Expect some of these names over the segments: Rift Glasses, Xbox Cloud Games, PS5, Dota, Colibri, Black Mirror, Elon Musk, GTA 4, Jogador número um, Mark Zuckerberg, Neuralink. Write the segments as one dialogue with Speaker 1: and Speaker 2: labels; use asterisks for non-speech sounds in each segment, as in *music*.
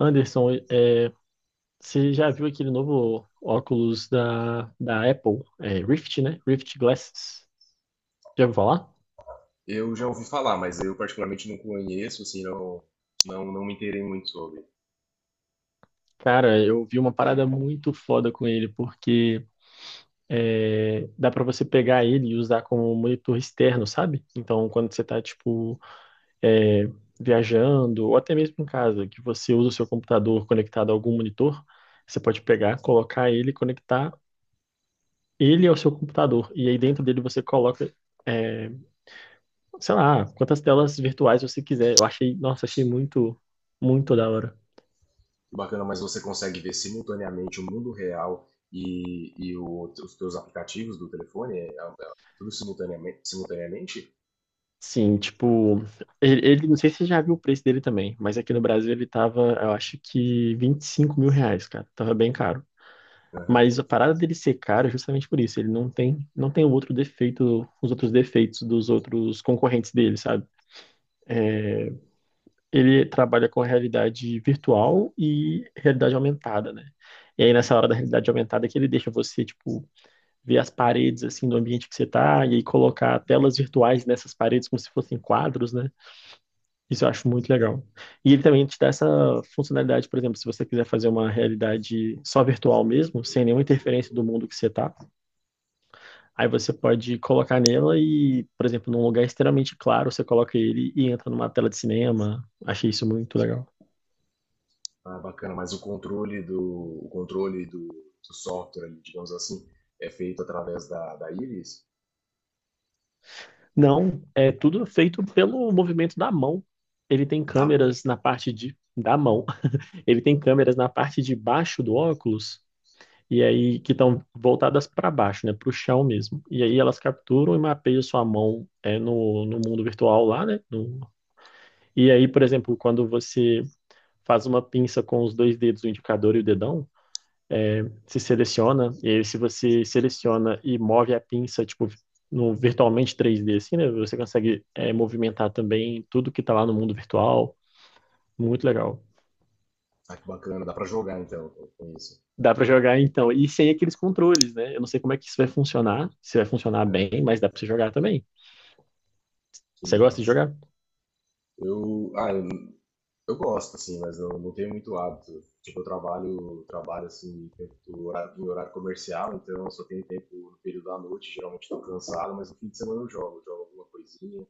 Speaker 1: Anderson, você já viu aquele novo óculos da Apple, Rift, né? Rift Glasses. Já ouviu falar?
Speaker 2: Eu já ouvi falar, mas eu particularmente não conheço, assim, não me inteirei muito sobre.
Speaker 1: Cara, eu vi uma parada muito foda com ele, porque dá pra você pegar ele e usar como monitor externo, sabe? Então, quando você tá, tipo, é, viajando, ou até mesmo em casa, que você usa o seu computador conectado a algum monitor, você pode pegar, colocar ele, conectar ele ao seu computador. E aí dentro dele você coloca é, sei lá, quantas telas virtuais você quiser. Eu achei, nossa, achei muito, muito da hora.
Speaker 2: Que bacana, mas você consegue ver simultaneamente o mundo real e os teus aplicativos do telefone, tudo simultaneamente?
Speaker 1: Sim, tipo, não sei se você já viu o preço dele também, mas aqui no Brasil ele tava, eu acho que R$ 25.000, cara. Tava bem caro.
Speaker 2: Aham.
Speaker 1: Mas a parada dele ser caro é justamente por isso. Ele não tem o outro defeito, os outros defeitos dos outros concorrentes dele, sabe? Ele trabalha com realidade virtual e realidade aumentada, né? E aí nessa hora da realidade aumentada que ele deixa você, tipo, ver as paredes assim do ambiente que você tá e aí colocar telas virtuais nessas paredes como se fossem quadros, né? Isso eu acho muito legal. E ele também te dá essa funcionalidade, por exemplo, se você quiser fazer uma realidade só virtual mesmo, sem nenhuma interferência do mundo que você tá, aí você pode colocar nela e, por exemplo, num lugar extremamente claro, você coloca ele e entra numa tela de cinema. Achei isso muito legal.
Speaker 2: Ah, bacana, mas o controle do software, ali, digamos assim, é feito através da íris?
Speaker 1: Não, é tudo feito pelo movimento da mão. Ele tem
Speaker 2: Dá,
Speaker 1: câmeras na parte de, da mão. Ele tem câmeras na parte de baixo do óculos e aí que estão voltadas para baixo, né, para o chão mesmo. E aí elas capturam e mapeiam sua mão no mundo virtual lá, né? E aí, por exemplo, quando você faz uma pinça com os dois dedos, o indicador e o dedão, se seleciona, e aí se você seleciona e move a pinça, tipo, no virtualmente 3D, assim, né? Você consegue movimentar também tudo que está lá no mundo virtual. Muito legal.
Speaker 2: ah, que bacana, dá pra jogar então com isso.
Speaker 1: Dá pra jogar então. E sem aqueles controles, né? Eu não sei como é que isso vai funcionar, se vai funcionar bem, mas dá pra você jogar também.
Speaker 2: Que
Speaker 1: Você gosta de
Speaker 2: massa.
Speaker 1: jogar?
Speaker 2: Eu, ah, Eu gosto, assim, mas eu não tenho muito hábito. Tipo, eu trabalho assim, tempo do horário, em horário comercial, então eu só tenho tempo no período da noite, geralmente estou cansado, mas no fim de semana eu jogo alguma coisinha.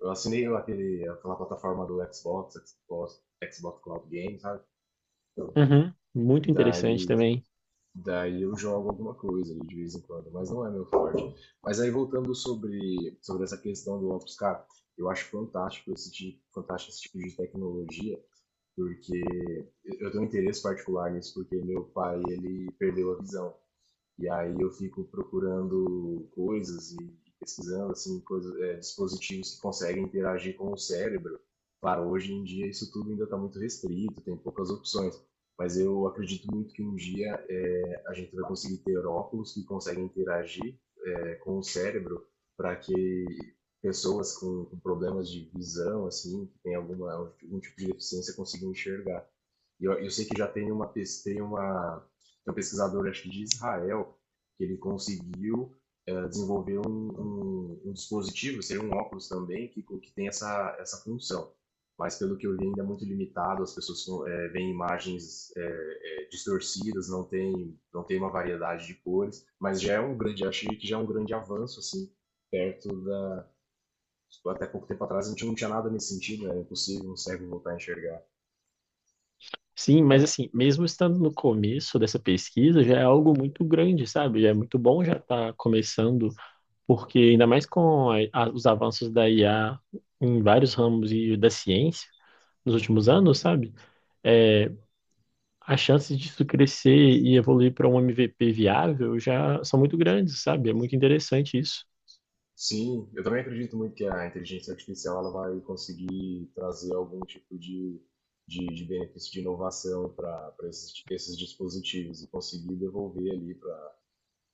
Speaker 2: Eu assinei aquela plataforma do Xbox Cloud Games, sabe?
Speaker 1: Uhum. Muito interessante
Speaker 2: Daí,
Speaker 1: também.
Speaker 2: daí eu jogo alguma coisa ali de vez em quando, mas não é meu forte. Mas aí voltando sobre essa questão do óculos, cara, eu acho fantástico esse tipo de tecnologia, porque eu tenho um interesse particular nisso, porque meu pai, ele perdeu a visão. E aí eu fico procurando coisas e pesquisando assim coisas, dispositivos que conseguem interagir com o cérebro. Claro, hoje em dia isso tudo ainda está muito restrito, tem poucas opções. Mas eu acredito muito que um dia a gente vai conseguir ter óculos que conseguem interagir com o cérebro para que pessoas com problemas de visão, assim, que tem algum tipo de deficiência, consigam enxergar. Eu sei que já tem um pesquisador, acho que de Israel, que ele conseguiu desenvolver um dispositivo, seria um óculos também, que tem essa função. Mas pelo que eu vi, ainda é muito limitado, as pessoas veem imagens distorcidas, não tem uma variedade de cores, mas já é um grande, achei que já é um grande avanço, assim, perto da. Até pouco tempo atrás a gente não tinha nada nesse sentido, era impossível um cego voltar a enxergar.
Speaker 1: Sim, mas assim, mesmo estando no começo dessa pesquisa, já é algo muito grande, sabe? Já é muito bom já estar começando, porque ainda mais com os avanços da IA em vários ramos e da ciência nos últimos anos, sabe? É, as chances disso crescer e evoluir para um MVP viável já são muito grandes, sabe? É muito interessante isso.
Speaker 2: Sim, eu também acredito muito que a inteligência artificial ela vai conseguir trazer algum tipo de benefício de inovação para esses dispositivos e conseguir devolver ali para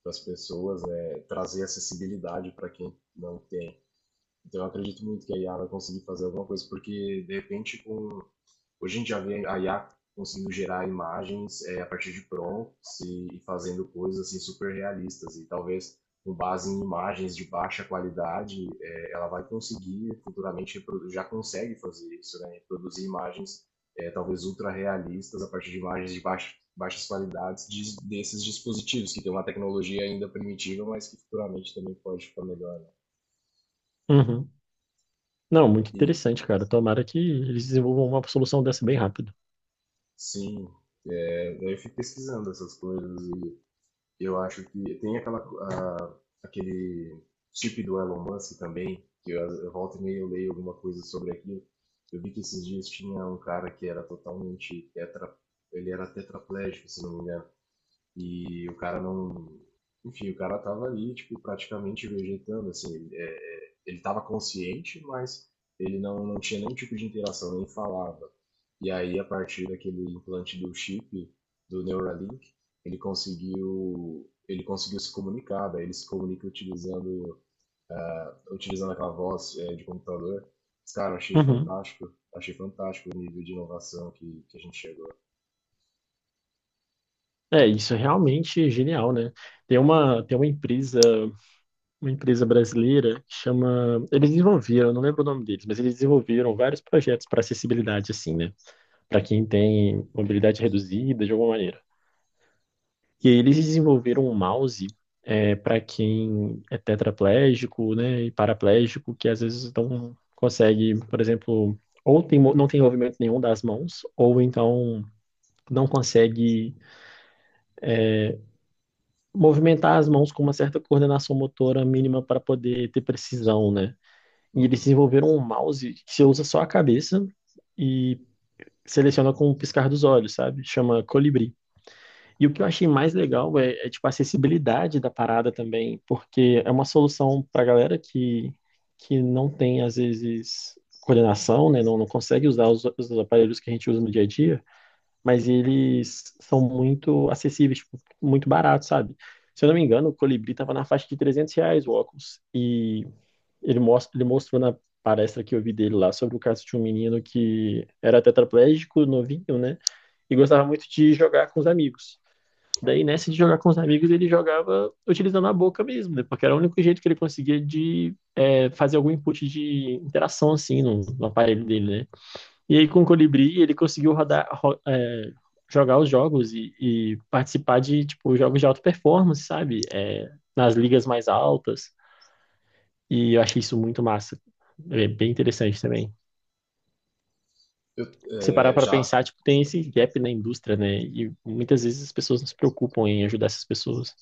Speaker 2: as pessoas, né, trazer acessibilidade para quem não tem. Então eu acredito muito que a IA vai conseguir fazer alguma coisa, porque de repente com hoje a gente já vê a IA conseguindo gerar imagens a partir de prompts e fazendo coisas assim super realistas e talvez com base em imagens de baixa qualidade, ela vai conseguir futuramente já consegue fazer isso, né? Produzir imagens talvez ultra realistas a partir de imagens de baixas qualidades desses dispositivos que tem uma tecnologia ainda primitiva, mas que futuramente também pode ficar melhor, né?
Speaker 1: Uhum. Não, muito
Speaker 2: E
Speaker 1: interessante, cara. Tomara que eles desenvolvam uma solução dessa bem rápido.
Speaker 2: sim, eu fico pesquisando essas coisas e eu acho que tem aquele chip do Elon Musk também, eu volto e meio leio alguma coisa sobre aquilo. Eu vi que esses dias tinha um cara que era ele era tetraplégico, se não me engano. E o cara não. Enfim, o cara tava ali, tipo, praticamente vegetando, assim. Ele tava consciente, mas ele não, não tinha nenhum tipo de interação, nem falava. E aí, a partir daquele implante do chip, do Neuralink, ele conseguiu se comunicar, daí ele se comunica utilizando aquela voz de computador. Cara,
Speaker 1: Uhum.
Speaker 2: achei fantástico o nível de inovação que a gente chegou.
Speaker 1: Isso é realmente genial, né? Tem uma empresa brasileira que chama. Eles desenvolveram, eu não lembro o nome deles, mas eles desenvolveram vários projetos para acessibilidade, assim, né? Para quem tem mobilidade reduzida, de alguma maneira. E eles desenvolveram um mouse para quem é tetraplégico, né, e paraplégico, que às vezes não consegue, por exemplo, ou tem, não tem movimento nenhum das mãos, ou então não consegue movimentar as mãos com uma certa coordenação motora mínima para poder ter precisão, né? E eles
Speaker 2: Uhum.
Speaker 1: desenvolveram um mouse que você usa só a cabeça e seleciona com o piscar dos olhos, sabe? Chama Colibri. E o que eu achei mais legal é, tipo, a acessibilidade da parada também, porque é uma solução para galera que não tem, às vezes, coordenação, né? Não, não consegue usar os aparelhos que a gente usa no dia a dia, mas eles são muito acessíveis, tipo, muito baratos, sabe? Se eu não me engano, o Colibri estava na faixa de R$ 300 o óculos, e ele mostrou na palestra que eu vi dele lá sobre o caso de um menino que era tetraplégico, novinho, né? E gostava muito de jogar com os amigos. Daí, nessa de jogar com os amigos, ele jogava utilizando a boca mesmo, né? Porque era o único jeito que ele conseguia de fazer algum input de interação, assim, no aparelho dele, né? E aí, com o Colibri, ele conseguiu jogar os jogos e participar de, tipo, jogos de alta performance, sabe? Nas ligas mais altas. E eu achei isso muito massa. É bem interessante também.
Speaker 2: Eu,
Speaker 1: Se parar
Speaker 2: é,
Speaker 1: para
Speaker 2: já
Speaker 1: pensar, tipo, tem esse gap na indústria, né? E muitas vezes as pessoas não se preocupam em ajudar essas pessoas.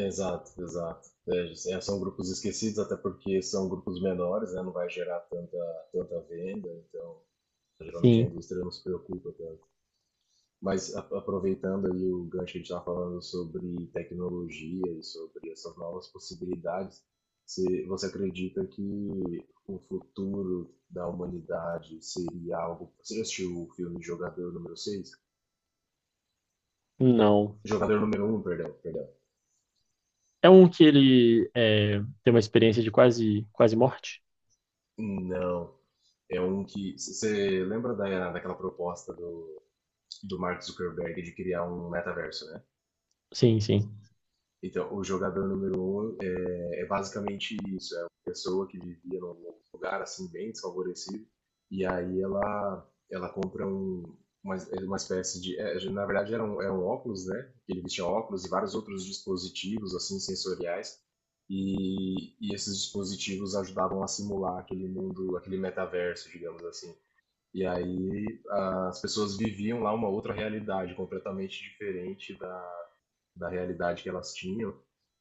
Speaker 2: Exato, exato. São grupos esquecidos, até porque são grupos menores, né? Não vai gerar tanta venda, então geralmente a
Speaker 1: Sim,
Speaker 2: indústria não se preocupa tanto. Mas a, aproveitando aí o gancho que a gente estava falando sobre tecnologia e sobre essas novas possibilidades, se você acredita que o futuro da humanidade seria algo. Você já assistiu o filme Jogador número seis,
Speaker 1: não.
Speaker 2: Jogador número um, perdão.
Speaker 1: É um que tem uma experiência de quase, quase morte?
Speaker 2: Não, é um que. Você lembra daquela proposta do Mark Zuckerberg de criar um metaverso, né?
Speaker 1: Sim, sim.
Speaker 2: Então, o jogador número um é basicamente isso: é uma pessoa que vivia num lugar assim, bem desfavorecido, e aí ela compra uma, uma espécie de. É, na verdade, era um óculos, né? Ele vestia óculos e vários outros dispositivos, assim, sensoriais. E esses dispositivos ajudavam a simular aquele mundo, aquele metaverso, digamos assim. E aí as pessoas viviam lá uma outra realidade completamente diferente da realidade que elas tinham.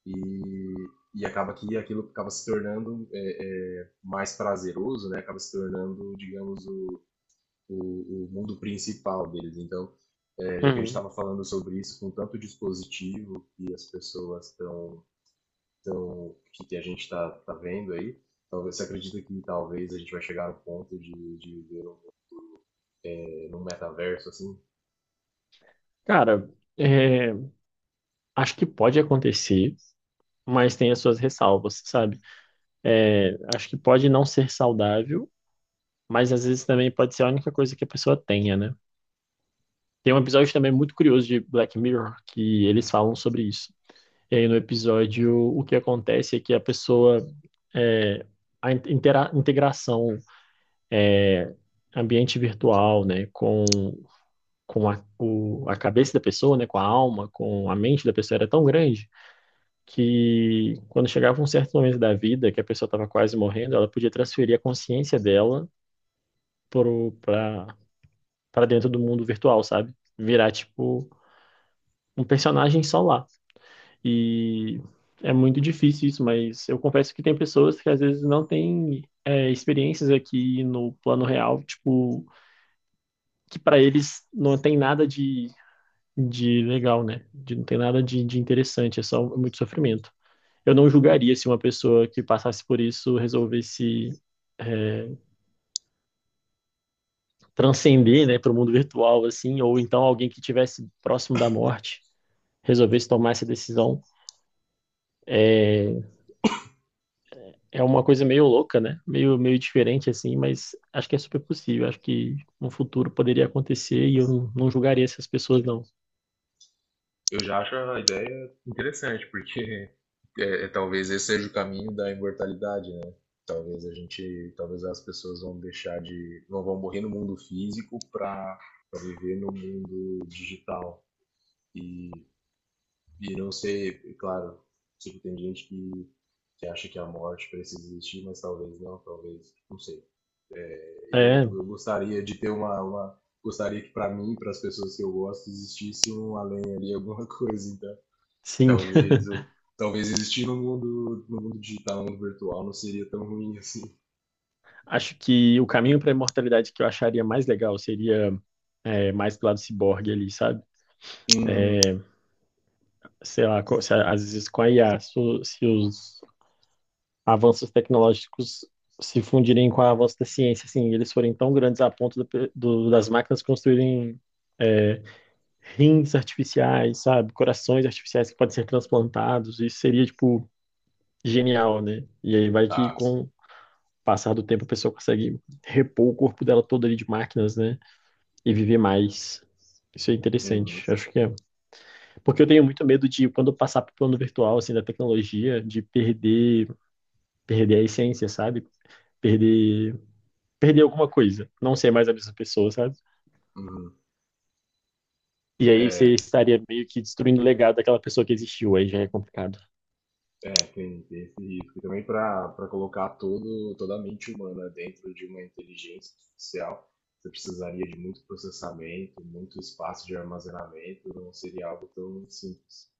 Speaker 2: E, e acaba que aquilo acaba se tornando mais prazeroso, né? Acaba se tornando, digamos, o o mundo principal deles. Então, já que a gente
Speaker 1: Uhum.
Speaker 2: estava falando sobre isso com tanto dispositivo que as pessoas estão, que a gente está tá vendo aí, talvez você acredita que talvez a gente vai chegar no ponto de ver um, num metaverso assim.
Speaker 1: Cara, é, acho que pode acontecer, mas tem as suas ressalvas, sabe? Acho que pode não ser saudável, mas às vezes também pode ser a única coisa que a pessoa tenha, né? Tem um episódio também muito curioso de Black Mirror que eles falam sobre isso. E aí no episódio o que acontece é que a pessoa é, a integração ambiente virtual, né, com a cabeça da pessoa, né, com a alma, com a mente da pessoa era tão grande que quando chegava um certo momento da vida que a pessoa estava quase morrendo, ela podia transferir a consciência dela para dentro do mundo virtual, sabe? Virar tipo um personagem só lá. E é muito difícil isso, mas eu confesso que tem pessoas que às vezes não têm experiências aqui no plano real, tipo, que para eles não tem nada de legal, né? Não tem nada de interessante, é só muito sofrimento. Eu não julgaria se uma pessoa que passasse por isso resolvesse é, transcender, né, para o mundo virtual, assim, ou então alguém que tivesse próximo da morte resolvesse tomar essa decisão. É, É uma coisa meio louca, né? Meio, meio diferente, assim, mas acho que é super possível. Acho que no futuro poderia acontecer e eu não, não julgaria essas pessoas, não.
Speaker 2: Eu já acho a ideia interessante, porque talvez esse seja o caminho da imortalidade, né? Talvez as pessoas vão deixar de, não vão morrer no mundo físico para viver no mundo digital. E, e não sei, é claro, sei que tem gente que acha que a morte precisa existir, mas talvez, não sei.
Speaker 1: É,
Speaker 2: Eu gostaria de ter uma gostaria que para mim, para as pessoas que eu gosto, existisse um além ali, alguma *laughs* coisa, então
Speaker 1: sim.
Speaker 2: talvez,
Speaker 1: *laughs*
Speaker 2: talvez existir no mundo, no mundo digital, no mundo virtual, não seria tão ruim assim.
Speaker 1: Acho que o caminho para a imortalidade que eu acharia mais legal seria mais pro lado ciborgue ali, sabe?
Speaker 2: Uhum,
Speaker 1: É, sei lá, co- se a- às vezes com a IA, se os avanços tecnológicos se fundirem com o avanço da ciência, assim, eles forem tão grandes a ponto das máquinas construírem rins artificiais, sabe? Corações artificiais que podem ser transplantados, isso seria, tipo, genial, né? E aí vai que
Speaker 2: tá, sim.
Speaker 1: com o passar do tempo a pessoa consegue repor o corpo dela todo ali de máquinas, né? E viver mais. Isso é
Speaker 2: Uhum,
Speaker 1: interessante, acho que é. Porque eu tenho muito medo de, quando eu passar para o plano virtual, assim, da tecnologia, de perder a essência, sabe? Perder, perder alguma coisa, não ser mais a mesma pessoa, sabe?
Speaker 2: uhum.
Speaker 1: E aí você estaria meio que destruindo o legado daquela pessoa que existiu, aí já é complicado.
Speaker 2: É, tem esse risco. E também para colocar toda a mente humana dentro de uma inteligência artificial, você precisaria de muito processamento, muito espaço de armazenamento, não seria algo tão simples.